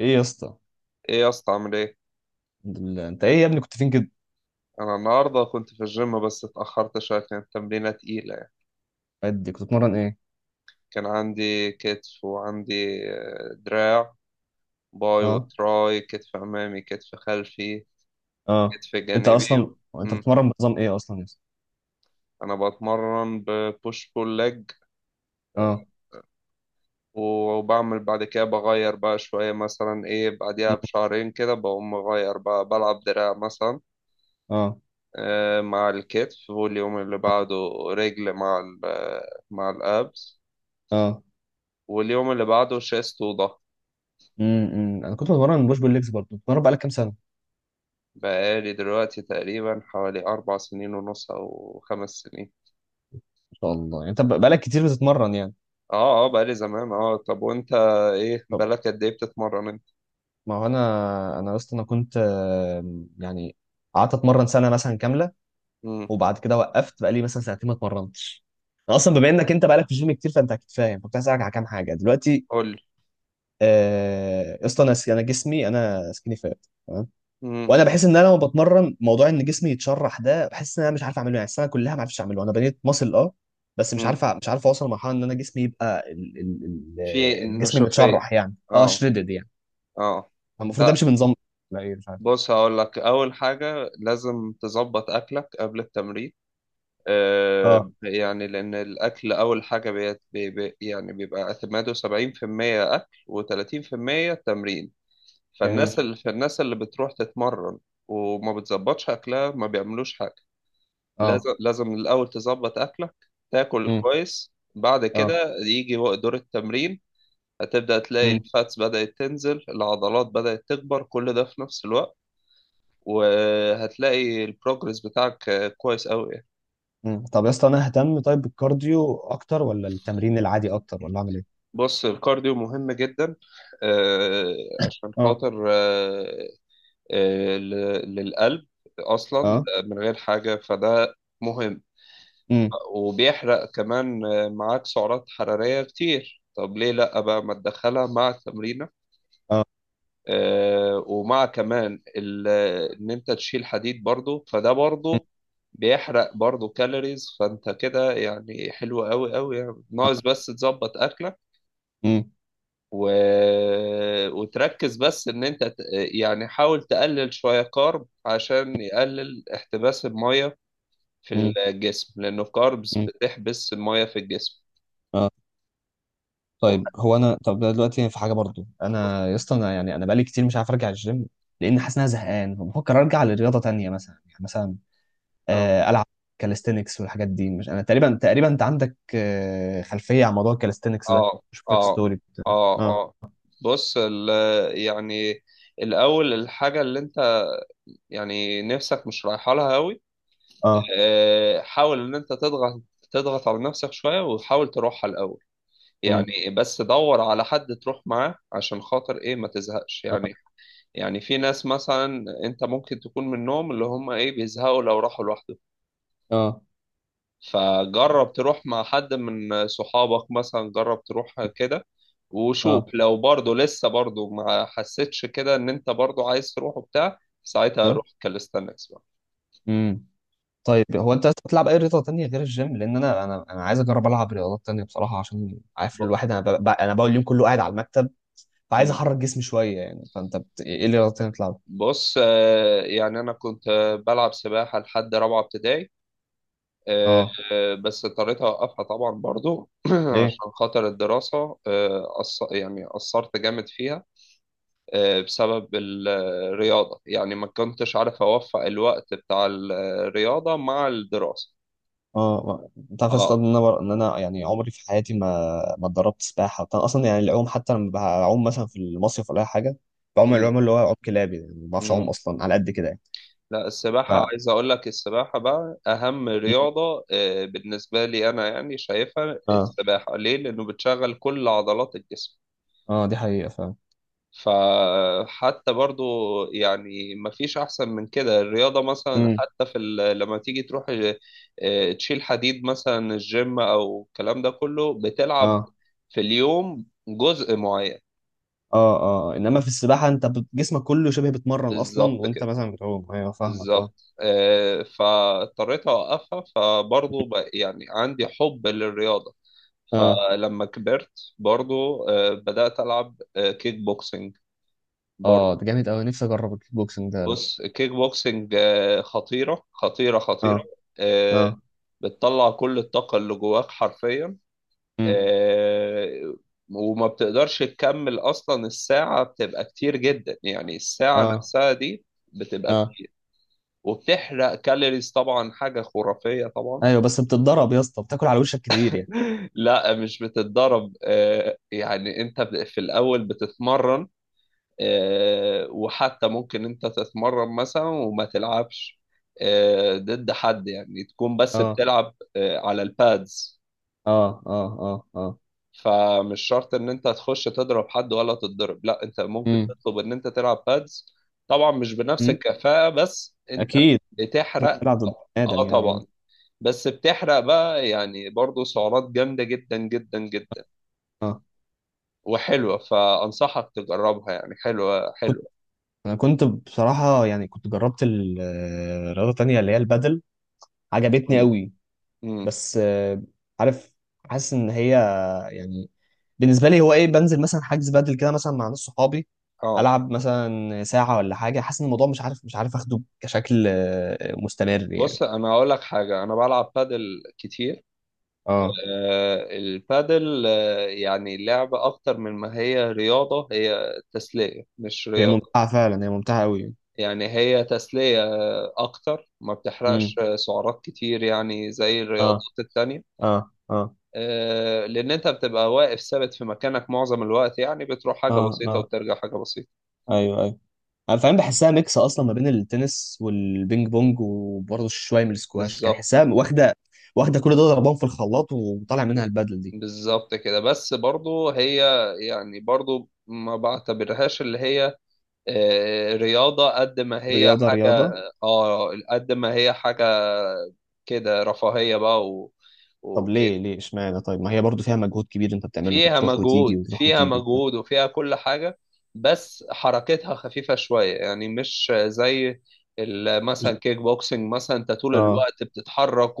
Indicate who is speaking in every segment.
Speaker 1: ايه يا اسطى؟
Speaker 2: ايه يا اسطى، عامل ايه؟
Speaker 1: الحمد لله. انت ايه يا ابني؟ كنت فين كده؟
Speaker 2: انا النهارده كنت في الجيم بس اتاخرت شويه. كانت تمرينه تقيله يعني.
Speaker 1: قد كنت بتتمرن ايه؟
Speaker 2: كان عندي كتف، وعندي دراع، باي
Speaker 1: اه.
Speaker 2: وتراي، كتف امامي، كتف خلفي،
Speaker 1: اه.
Speaker 2: كتف
Speaker 1: انت
Speaker 2: جانبي
Speaker 1: اصلا
Speaker 2: و...
Speaker 1: انت
Speaker 2: مم.
Speaker 1: بتتمرن بنظام ايه اصلا يا اسطى؟
Speaker 2: انا بتمرن ببوش بول ليج،
Speaker 1: اه.
Speaker 2: وبعمل بعد كده بغير بقى شويه مثلا، ايه، بعديها
Speaker 1: مم.
Speaker 2: بشهرين كده بقوم مغير بقى، بلعب دراع مثلا
Speaker 1: اه.
Speaker 2: مع الكتف. واليوم اللي بعده رجل مع مع الابس.
Speaker 1: اه.
Speaker 2: واليوم اللي بعده شيست وضهر.
Speaker 1: امم، انا كنت بتمرن بوش بول ليجز برضه. بتتمرن بقالك كام سنه؟ ما
Speaker 2: بقالي دلوقتي تقريبا حوالي 4 سنين ونص أو 5 سنين.
Speaker 1: شاء الله، يعني انت بقالك كتير بتتمرن يعني.
Speaker 2: اه، اه، بقالي زمان. اه، طب وانت، ايه
Speaker 1: طب،
Speaker 2: بقالك قد ايه بتتمرن انت؟
Speaker 1: ما هو انا يا اسطى، انا كنت يعني قعدت اتمرن سنه مثلا كامله،
Speaker 2: امم.
Speaker 1: وبعد كده وقفت بقالي مثلا سنتين ما اتمرنتش. انا اصلا بما انك انت بقالك في الجيم كتير فانت اكيد فاهم، كنت هسالك على كام حاجه دلوقتي.
Speaker 2: قولي.
Speaker 1: يا اسطى، انا جسمي انا سكيني فات تمام.
Speaker 2: امم.
Speaker 1: وانا بحس ان انا لما بتمرن موضوع ان جسمي يتشرح ده بحس ان انا مش عارف اعمله، يعني السنه كلها ما عرفتش اعمله. انا بنيت ماسل اه، بس مش
Speaker 2: امم.
Speaker 1: عارف مش عارف اوصل لمرحله ان انا جسمي يبقى
Speaker 2: في
Speaker 1: الجسم
Speaker 2: النشوفية.
Speaker 1: متشرح، يعني اه
Speaker 2: اه،
Speaker 1: شريدد يعني.
Speaker 2: اه.
Speaker 1: المفروض
Speaker 2: لا.
Speaker 1: امشي بنظام. لا، ايه؟ مش عارف.
Speaker 2: بص، هقول لك أول حاجة. لازم تظبط أكلك قبل التمرين،
Speaker 1: اه.
Speaker 2: يعني، لأن الأكل أول حاجة. يعني بيبقى اعتماده 70% أكل، و30% تمرين.
Speaker 1: جميل.
Speaker 2: فالناس اللي بتروح تتمرن وما بتظبطش اكلها ما بيعملوش حاجه.
Speaker 1: اه.
Speaker 2: لازم، لازم الاول تظبط اكلك. تاكل
Speaker 1: امم.
Speaker 2: كويس، بعد
Speaker 1: اه.
Speaker 2: كده يجي دور التمرين. هتبدا تلاقي
Speaker 1: امم.
Speaker 2: الفاتس بدات تنزل، العضلات بدات تكبر، كل ده في نفس الوقت. وهتلاقي البروجرس بتاعك كويس قوي يعني.
Speaker 1: امم. طب يا اسطى، انا اهتم طيب بالكارديو اكتر، ولا التمرين العادي اكتر، ولا اعمل ايه؟
Speaker 2: بص، الكارديو مهم جدا، آه، عشان
Speaker 1: اه.
Speaker 2: خاطر للقلب. اصلا
Speaker 1: اه.
Speaker 2: من غير حاجه فده مهم.
Speaker 1: امم.
Speaker 2: وبيحرق كمان معاك سعرات حرارية كتير. طب ليه لأ بقى ما تدخلها مع التمرينة؟
Speaker 1: اه.
Speaker 2: آه، ومع كمان ال- إن أنت تشيل حديد برضو، فده برضو بيحرق برضو كالوريز، فأنت كده يعني حلو أوي أوي، يعني ناقص بس تظبط أكلك
Speaker 1: امم.
Speaker 2: و... وتركز، بس إن أنت يعني حاول تقلل شوية كارب عشان يقلل احتباس المية في
Speaker 1: امم.
Speaker 2: الجسم، لأنه الكاربس بتحبس المية في الجسم.
Speaker 1: امم. طيب هو انا، طب دلوقتي في حاجه برضو، انا يا اسطى انا يعني انا بقالي كتير مش عارف ارجع الجيم، لان حاسس ان انا زهقان، فبفكر ارجع لرياضه تانية مثلا، يعني مثلا
Speaker 2: اه،
Speaker 1: العب كاليستينكس والحاجات دي، مش انا تقريبا تقريبا انت عندك خلفيه عن موضوع الكاليستينكس ده،
Speaker 2: اه،
Speaker 1: بشوف لك
Speaker 2: اه،
Speaker 1: ستوري بتاع،
Speaker 2: اه.
Speaker 1: اه.
Speaker 2: اه. بص، يعني، الاول الحاجه اللي انت يعني نفسك مش رايحه لها قوي،
Speaker 1: اه.
Speaker 2: حاول ان انت تضغط على نفسك شويه، وحاول تروحها الاول.
Speaker 1: امم.
Speaker 2: يعني بس دور على حد تروح معاه عشان خاطر ايه ما تزهقش يعني. يعني في ناس مثلا انت ممكن تكون منهم، اللي هم ايه بيزهقوا لو راحوا لوحدهم.
Speaker 1: اه.
Speaker 2: فجرب تروح مع حد من صحابك مثلا، جرب تروح كده وشوف.
Speaker 1: اه.
Speaker 2: لو برضه لسه برضه ما حسيتش كده ان انت برضه عايز تروح وبتاع، ساعتها
Speaker 1: اه.
Speaker 2: روح كاليستانكس بقى.
Speaker 1: امم. طيب هو انت أصلاً بتلعب اي رياضه تانية غير الجيم؟ لان انا عايز اجرب العب رياضات تانية بصراحه، عشان عارف
Speaker 2: ب-
Speaker 1: الواحد، انا انا بقول اليوم كله قاعد على المكتب، فعايز
Speaker 2: مم.
Speaker 1: احرك جسمي شويه يعني. فانت ايه اللي غلطتني؟ بتلعب؟
Speaker 2: بص، يعني انا كنت بلعب سباحة لحد رابعة ابتدائي. آه،
Speaker 1: اه.
Speaker 2: بس اضطريت اوقفها طبعا برضه
Speaker 1: ليه؟
Speaker 2: عشان خاطر الدراسة، يعني قصرت جامد فيها بسبب الرياضة. يعني ما كنتش عارف أوفق الوقت بتاع الرياضة مع الدراسة.
Speaker 1: اه انت عارف يا اسطى
Speaker 2: اه.
Speaker 1: ان انا ان انا يعني عمري في حياتي ما اتدربت سباحه بتاع اصلا، يعني العوم. حتى لما بعوم مثلا في المصيف ولا اي حاجه بعوم
Speaker 2: مم.
Speaker 1: العوم اللي هو عوم كلابي يعني، ما بعرفش اعوم
Speaker 2: مم.
Speaker 1: اصلا على قد كده يعني.
Speaker 2: لا، السباحة
Speaker 1: ف...
Speaker 2: عايز أقول لك، السباحة بقى أهم
Speaker 1: م.
Speaker 2: رياضة بالنسبة لي أنا، يعني شايفها.
Speaker 1: اه.
Speaker 2: السباحة ليه؟ لأنه بتشغل كل عضلات الجسم.
Speaker 1: اه، دي حقيقه فعلا.
Speaker 2: فحتى برضو يعني مفيش أحسن من كده الرياضة مثلا.
Speaker 1: امم.
Speaker 2: حتى لما تيجي تروح تشيل حديد مثلا، الجيم أو الكلام ده كله، بتلعب
Speaker 1: اه.
Speaker 2: في اليوم جزء معين.
Speaker 1: اه. اه. انما في السباحه انت جسمك كله شبه بيتمرن اصلا
Speaker 2: بالظبط
Speaker 1: وانت
Speaker 2: كده،
Speaker 1: مثلا بتعوم. ايوه فاهمك. اه.
Speaker 2: بالظبط. فاضطريت أوقفها، فبرضو يعني عندي حب للرياضة.
Speaker 1: اه.
Speaker 2: فلما كبرت برضو بدأت ألعب كيك بوكسينج
Speaker 1: اه،
Speaker 2: برضو.
Speaker 1: ده جامد قوي. نفسي اجرب الكيك بوكسنج ده. لا؟
Speaker 2: بص، الكيك بوكسنج خطيرة خطيرة
Speaker 1: اه.
Speaker 2: خطيرة. آه،
Speaker 1: اه.
Speaker 2: بتطلع كل الطاقة اللي جواك حرفيا.
Speaker 1: امم.
Speaker 2: آه، وما بتقدرش تكمل أصلا، الساعة بتبقى كتير جدا، يعني الساعة
Speaker 1: اه.
Speaker 2: نفسها دي بتبقى
Speaker 1: اه.
Speaker 2: كتير. وبتحرق كالوريز طبعا، حاجة خرافية طبعا.
Speaker 1: ايوه، بس بتتضرب يا اسطى، بتاكل على وشك كتير يعني.
Speaker 2: لا، مش بتتضرب. يعني انت في الأول بتتمرن، وحتى ممكن انت تتمرن مثلا وما تلعبش ضد حد، يعني تكون بس
Speaker 1: اه.
Speaker 2: بتلعب على البادز.
Speaker 1: اه. اه. اه. اه.
Speaker 2: فمش شرط ان انت تخش تضرب حد ولا تتضرب، لا، انت ممكن
Speaker 1: امم.
Speaker 2: تطلب ان انت تلعب بادز. طبعا مش بنفس
Speaker 1: امم.
Speaker 2: الكفاءة، بس انت
Speaker 1: اكيد. لازم
Speaker 2: بتحرق.
Speaker 1: تلعب ضد بني
Speaker 2: اه
Speaker 1: ادم يعني، اه.
Speaker 2: طبعا. بس بتحرق بقى يعني برضو سعرات جامدة جدا جدا جدا،
Speaker 1: اه.
Speaker 2: وحلوة، فأنصحك تجربها، يعني حلوة
Speaker 1: كنت،
Speaker 2: حلوة.
Speaker 1: انا كنت بصراحه يعني كنت جربت رياضه تانية اللي هي البادل. عجبتني
Speaker 2: امم.
Speaker 1: قوي.
Speaker 2: امم.
Speaker 1: بس عارف، حاسس ان هي، يعني بالنسبه لي هو ايه، بنزل مثلا حجز بادل كده مثلا مع ناس صحابي،
Speaker 2: اه.
Speaker 1: العب مثلا ساعه ولا حاجه، حاسس ان الموضوع مش عارف، مش عارف اخده كشكل مستمر يعني.
Speaker 2: بص، انا هقول لك حاجه، انا بلعب بادل كتير.
Speaker 1: اه،
Speaker 2: البادل يعني لعبه اكتر من ما هي رياضه. هي تسليه مش
Speaker 1: هي
Speaker 2: رياضه.
Speaker 1: ممتعه فعلا، هي ممتعه قوي.
Speaker 2: يعني هي تسليه اكتر، ما بتحرقش
Speaker 1: امم.
Speaker 2: سعرات كتير يعني زي الرياضات
Speaker 1: اه.
Speaker 2: التانية،
Speaker 1: اه. اه.
Speaker 2: لان انت بتبقى واقف ثابت في مكانك معظم الوقت. يعني بتروح حاجه
Speaker 1: اه.
Speaker 2: بسيطه
Speaker 1: اه.
Speaker 2: وترجع حاجه بسيطه.
Speaker 1: ايوه. ايوه. انا فاهم، بحسها ميكس اصلا ما بين التنس والبينج بونج وبرضه شويه من السكواش، كان
Speaker 2: بالظبط،
Speaker 1: حسها واخده. واخده كل دول ضربان في الخلاط، وطالع منها البدل دي.
Speaker 2: بالظبط كده. بس برضو هي يعني برضو ما بعتبرهاش اللي هي رياضة قد ما هي
Speaker 1: رياضه
Speaker 2: حاجة.
Speaker 1: رياضه.
Speaker 2: اه، قد ما هي حاجة كده، رفاهية بقى و...
Speaker 1: طب ليه؟
Speaker 2: وكده.
Speaker 1: ليه اشمعنى؟ طيب ما هي برضه فيها مجهود كبير، انت بتعمله، انت
Speaker 2: فيها
Speaker 1: بتروح وتيجي
Speaker 2: مجهود،
Speaker 1: وتروح
Speaker 2: فيها
Speaker 1: وتيجي وبتاع.
Speaker 2: مجهود وفيها كل حاجة. بس حركتها خفيفة شوية، يعني مش زي مثلا كيك بوكسنج مثلا، انت طول
Speaker 1: اه.
Speaker 2: الوقت بتتحرك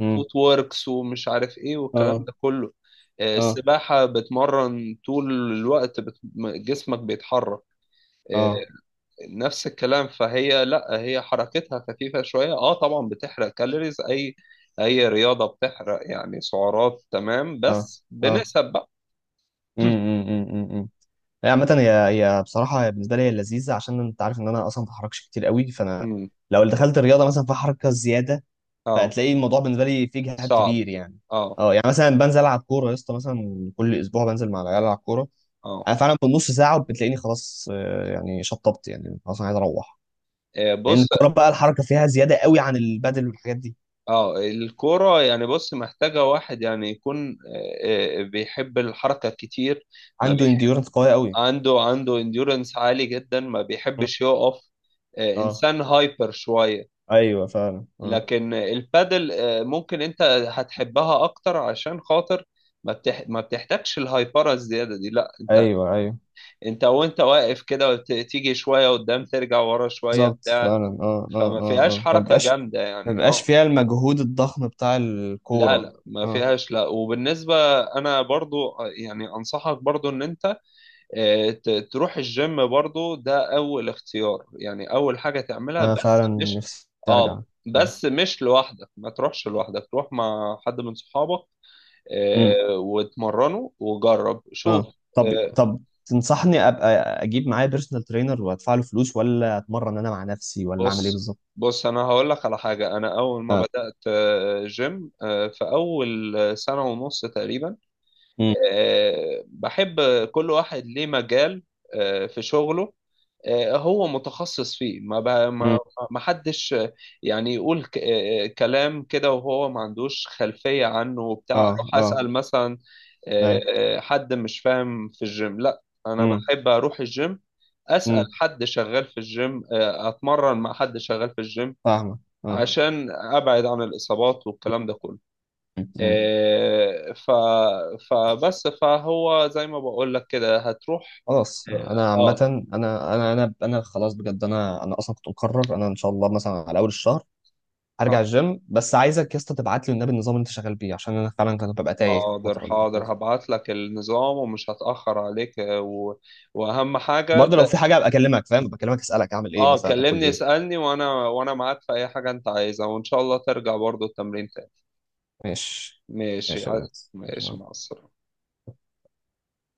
Speaker 1: امم.
Speaker 2: ووركس ومش عارف ايه والكلام
Speaker 1: اه.
Speaker 2: ده كله.
Speaker 1: اه.
Speaker 2: السباحة بتمرن طول الوقت، جسمك بيتحرك آه،
Speaker 1: اه.
Speaker 2: نفس الكلام. فهي لا، هي حركتها خفيفة شوية. اه طبعا بتحرق كالوريز. اي اي رياضة بتحرق يعني سعرات، تمام،
Speaker 1: اه.
Speaker 2: بس
Speaker 1: اه.
Speaker 2: بنسب بقى.
Speaker 1: امم. هي عامة، هي بصراحة هي بالنسبة لي هي لذيذة، عشان أنت عارف إن أنا أصلا ما بتحركش كتير قوي. فأنا
Speaker 2: امم.
Speaker 1: لو دخلت الرياضة مثلا فيها حركة زيادة،
Speaker 2: اه.
Speaker 1: فهتلاقي الموضوع بالنسبة لي فيه جهاد
Speaker 2: صعب.
Speaker 1: كبير يعني.
Speaker 2: اه.
Speaker 1: أه، يعني مثلا بنزل ألعب كورة يا اسطى، مثلا كل أسبوع بنزل مع العيال ألعب كورة،
Speaker 2: اه.
Speaker 1: أنا فعلا في نص ساعة وبتلاقيني خلاص يعني شطبت، يعني خلاص أنا عايز أروح. لأن
Speaker 2: بص.
Speaker 1: الكورة بقى الحركة فيها زيادة قوي عن البادل والحاجات دي.
Speaker 2: اه، الكورة يعني، بص محتاجة واحد يعني يكون بيحب الحركة كتير، ما
Speaker 1: عنده
Speaker 2: بيحب.
Speaker 1: انديورنس قوية قوي.
Speaker 2: عنده انديورنس عالي جدا، ما بيحبش يقف،
Speaker 1: أه.
Speaker 2: انسان هايبر شوية.
Speaker 1: أيوه فعلا. أه.
Speaker 2: لكن البادل ممكن انت هتحبها اكتر عشان خاطر ما بتحتاجش الهايبره الزياده دي. لا، انت
Speaker 1: أيوه. أيوه.
Speaker 2: انت وانت واقف كده، وت- تيجي شويه قدام، ترجع ورا شويه
Speaker 1: بالظبط
Speaker 2: بتاع.
Speaker 1: فعلا. اه. اه.
Speaker 2: فما
Speaker 1: اه.
Speaker 2: فيهاش
Speaker 1: اه.
Speaker 2: حركه
Speaker 1: فمبقاش
Speaker 2: جامده يعني،
Speaker 1: مبقاش
Speaker 2: اه.
Speaker 1: فيها المجهود الضخم بتاع
Speaker 2: لا،
Speaker 1: الكورة.
Speaker 2: لا، ما
Speaker 1: اه.
Speaker 2: فيهاش. لا، وبالنسبه انا برضو يعني انصحك برضو ان انت تروح الجيم برضو، ده اول اختيار، يعني اول حاجه تعملها.
Speaker 1: انا
Speaker 2: بس
Speaker 1: فعلا
Speaker 2: مش،
Speaker 1: نفسي ارجع.
Speaker 2: اه،
Speaker 1: اه.
Speaker 2: بس مش لوحدك، ما تروحش لوحدك، تروح مع حد من صحابك
Speaker 1: امم.
Speaker 2: واتمرنه وجرب شوف.
Speaker 1: اه. طب،
Speaker 2: آه،
Speaker 1: تنصحني ابقى اجيب معايا بيرسونال ترينر وادفع له فلوس، ولا اتمرن انا مع نفسي، ولا اعمل ايه
Speaker 2: بص
Speaker 1: بالظبط؟
Speaker 2: بص، انا هقول لك على حاجه. انا اول ما بدات جيم، في اول سنه ونص تقريبا
Speaker 1: امم.
Speaker 2: بحب، كل واحد ليه مجال في شغله هو متخصص فيه. ما بقى
Speaker 1: امم.
Speaker 2: ما حدش يعني يقول كلام كده وهو ما عندوش خلفية عنه وبتاع.
Speaker 1: اه.
Speaker 2: اروح
Speaker 1: اه.
Speaker 2: اسأل مثلا آه،
Speaker 1: ايوه.
Speaker 2: حد مش فاهم في الجيم، لا، انا
Speaker 1: امم.
Speaker 2: بحب اروح الجيم اسأل
Speaker 1: امم.
Speaker 2: حد شغال في الجيم، اتمرن مع حد شغال في الجيم
Speaker 1: فاهمك. اه.
Speaker 2: عشان ابعد عن الاصابات والكلام ده كله.
Speaker 1: أمم. أمم.
Speaker 2: آه، ف فبس فهو زي ما بقول لك كده هتروح.
Speaker 1: خلاص انا عامه،
Speaker 2: اه.
Speaker 1: انا انا خلاص بجد، انا اصلا كنت مقرر انا ان شاء الله مثلا على اول الشهر هرجع
Speaker 2: آه.
Speaker 1: الجيم، بس عايزك يا اسطى تبعت لي والنبي النظام اللي انت شغال بيه، عشان انا فعلا كنت ببقى تايه في
Speaker 2: حاضر،
Speaker 1: الفتره اللي
Speaker 2: حاضر،
Speaker 1: فاتت.
Speaker 2: هبعت لك النظام ومش هتأخر عليك وأهم حاجة
Speaker 1: وبرضه لو في حاجه ابقى اكلمك، فاهم، ابقى اكلمك اسالك اعمل ايه
Speaker 2: اه،
Speaker 1: مثلا، اكل
Speaker 2: كلمني،
Speaker 1: ايه.
Speaker 2: اسألني، وأنا معاك في أي حاجة أنت عايزها، وإن شاء الله ترجع برضو التمرين تاني.
Speaker 1: ماشي.
Speaker 2: ماشي.
Speaker 1: ماشي يا برنس.
Speaker 2: ماشي مع السلامة.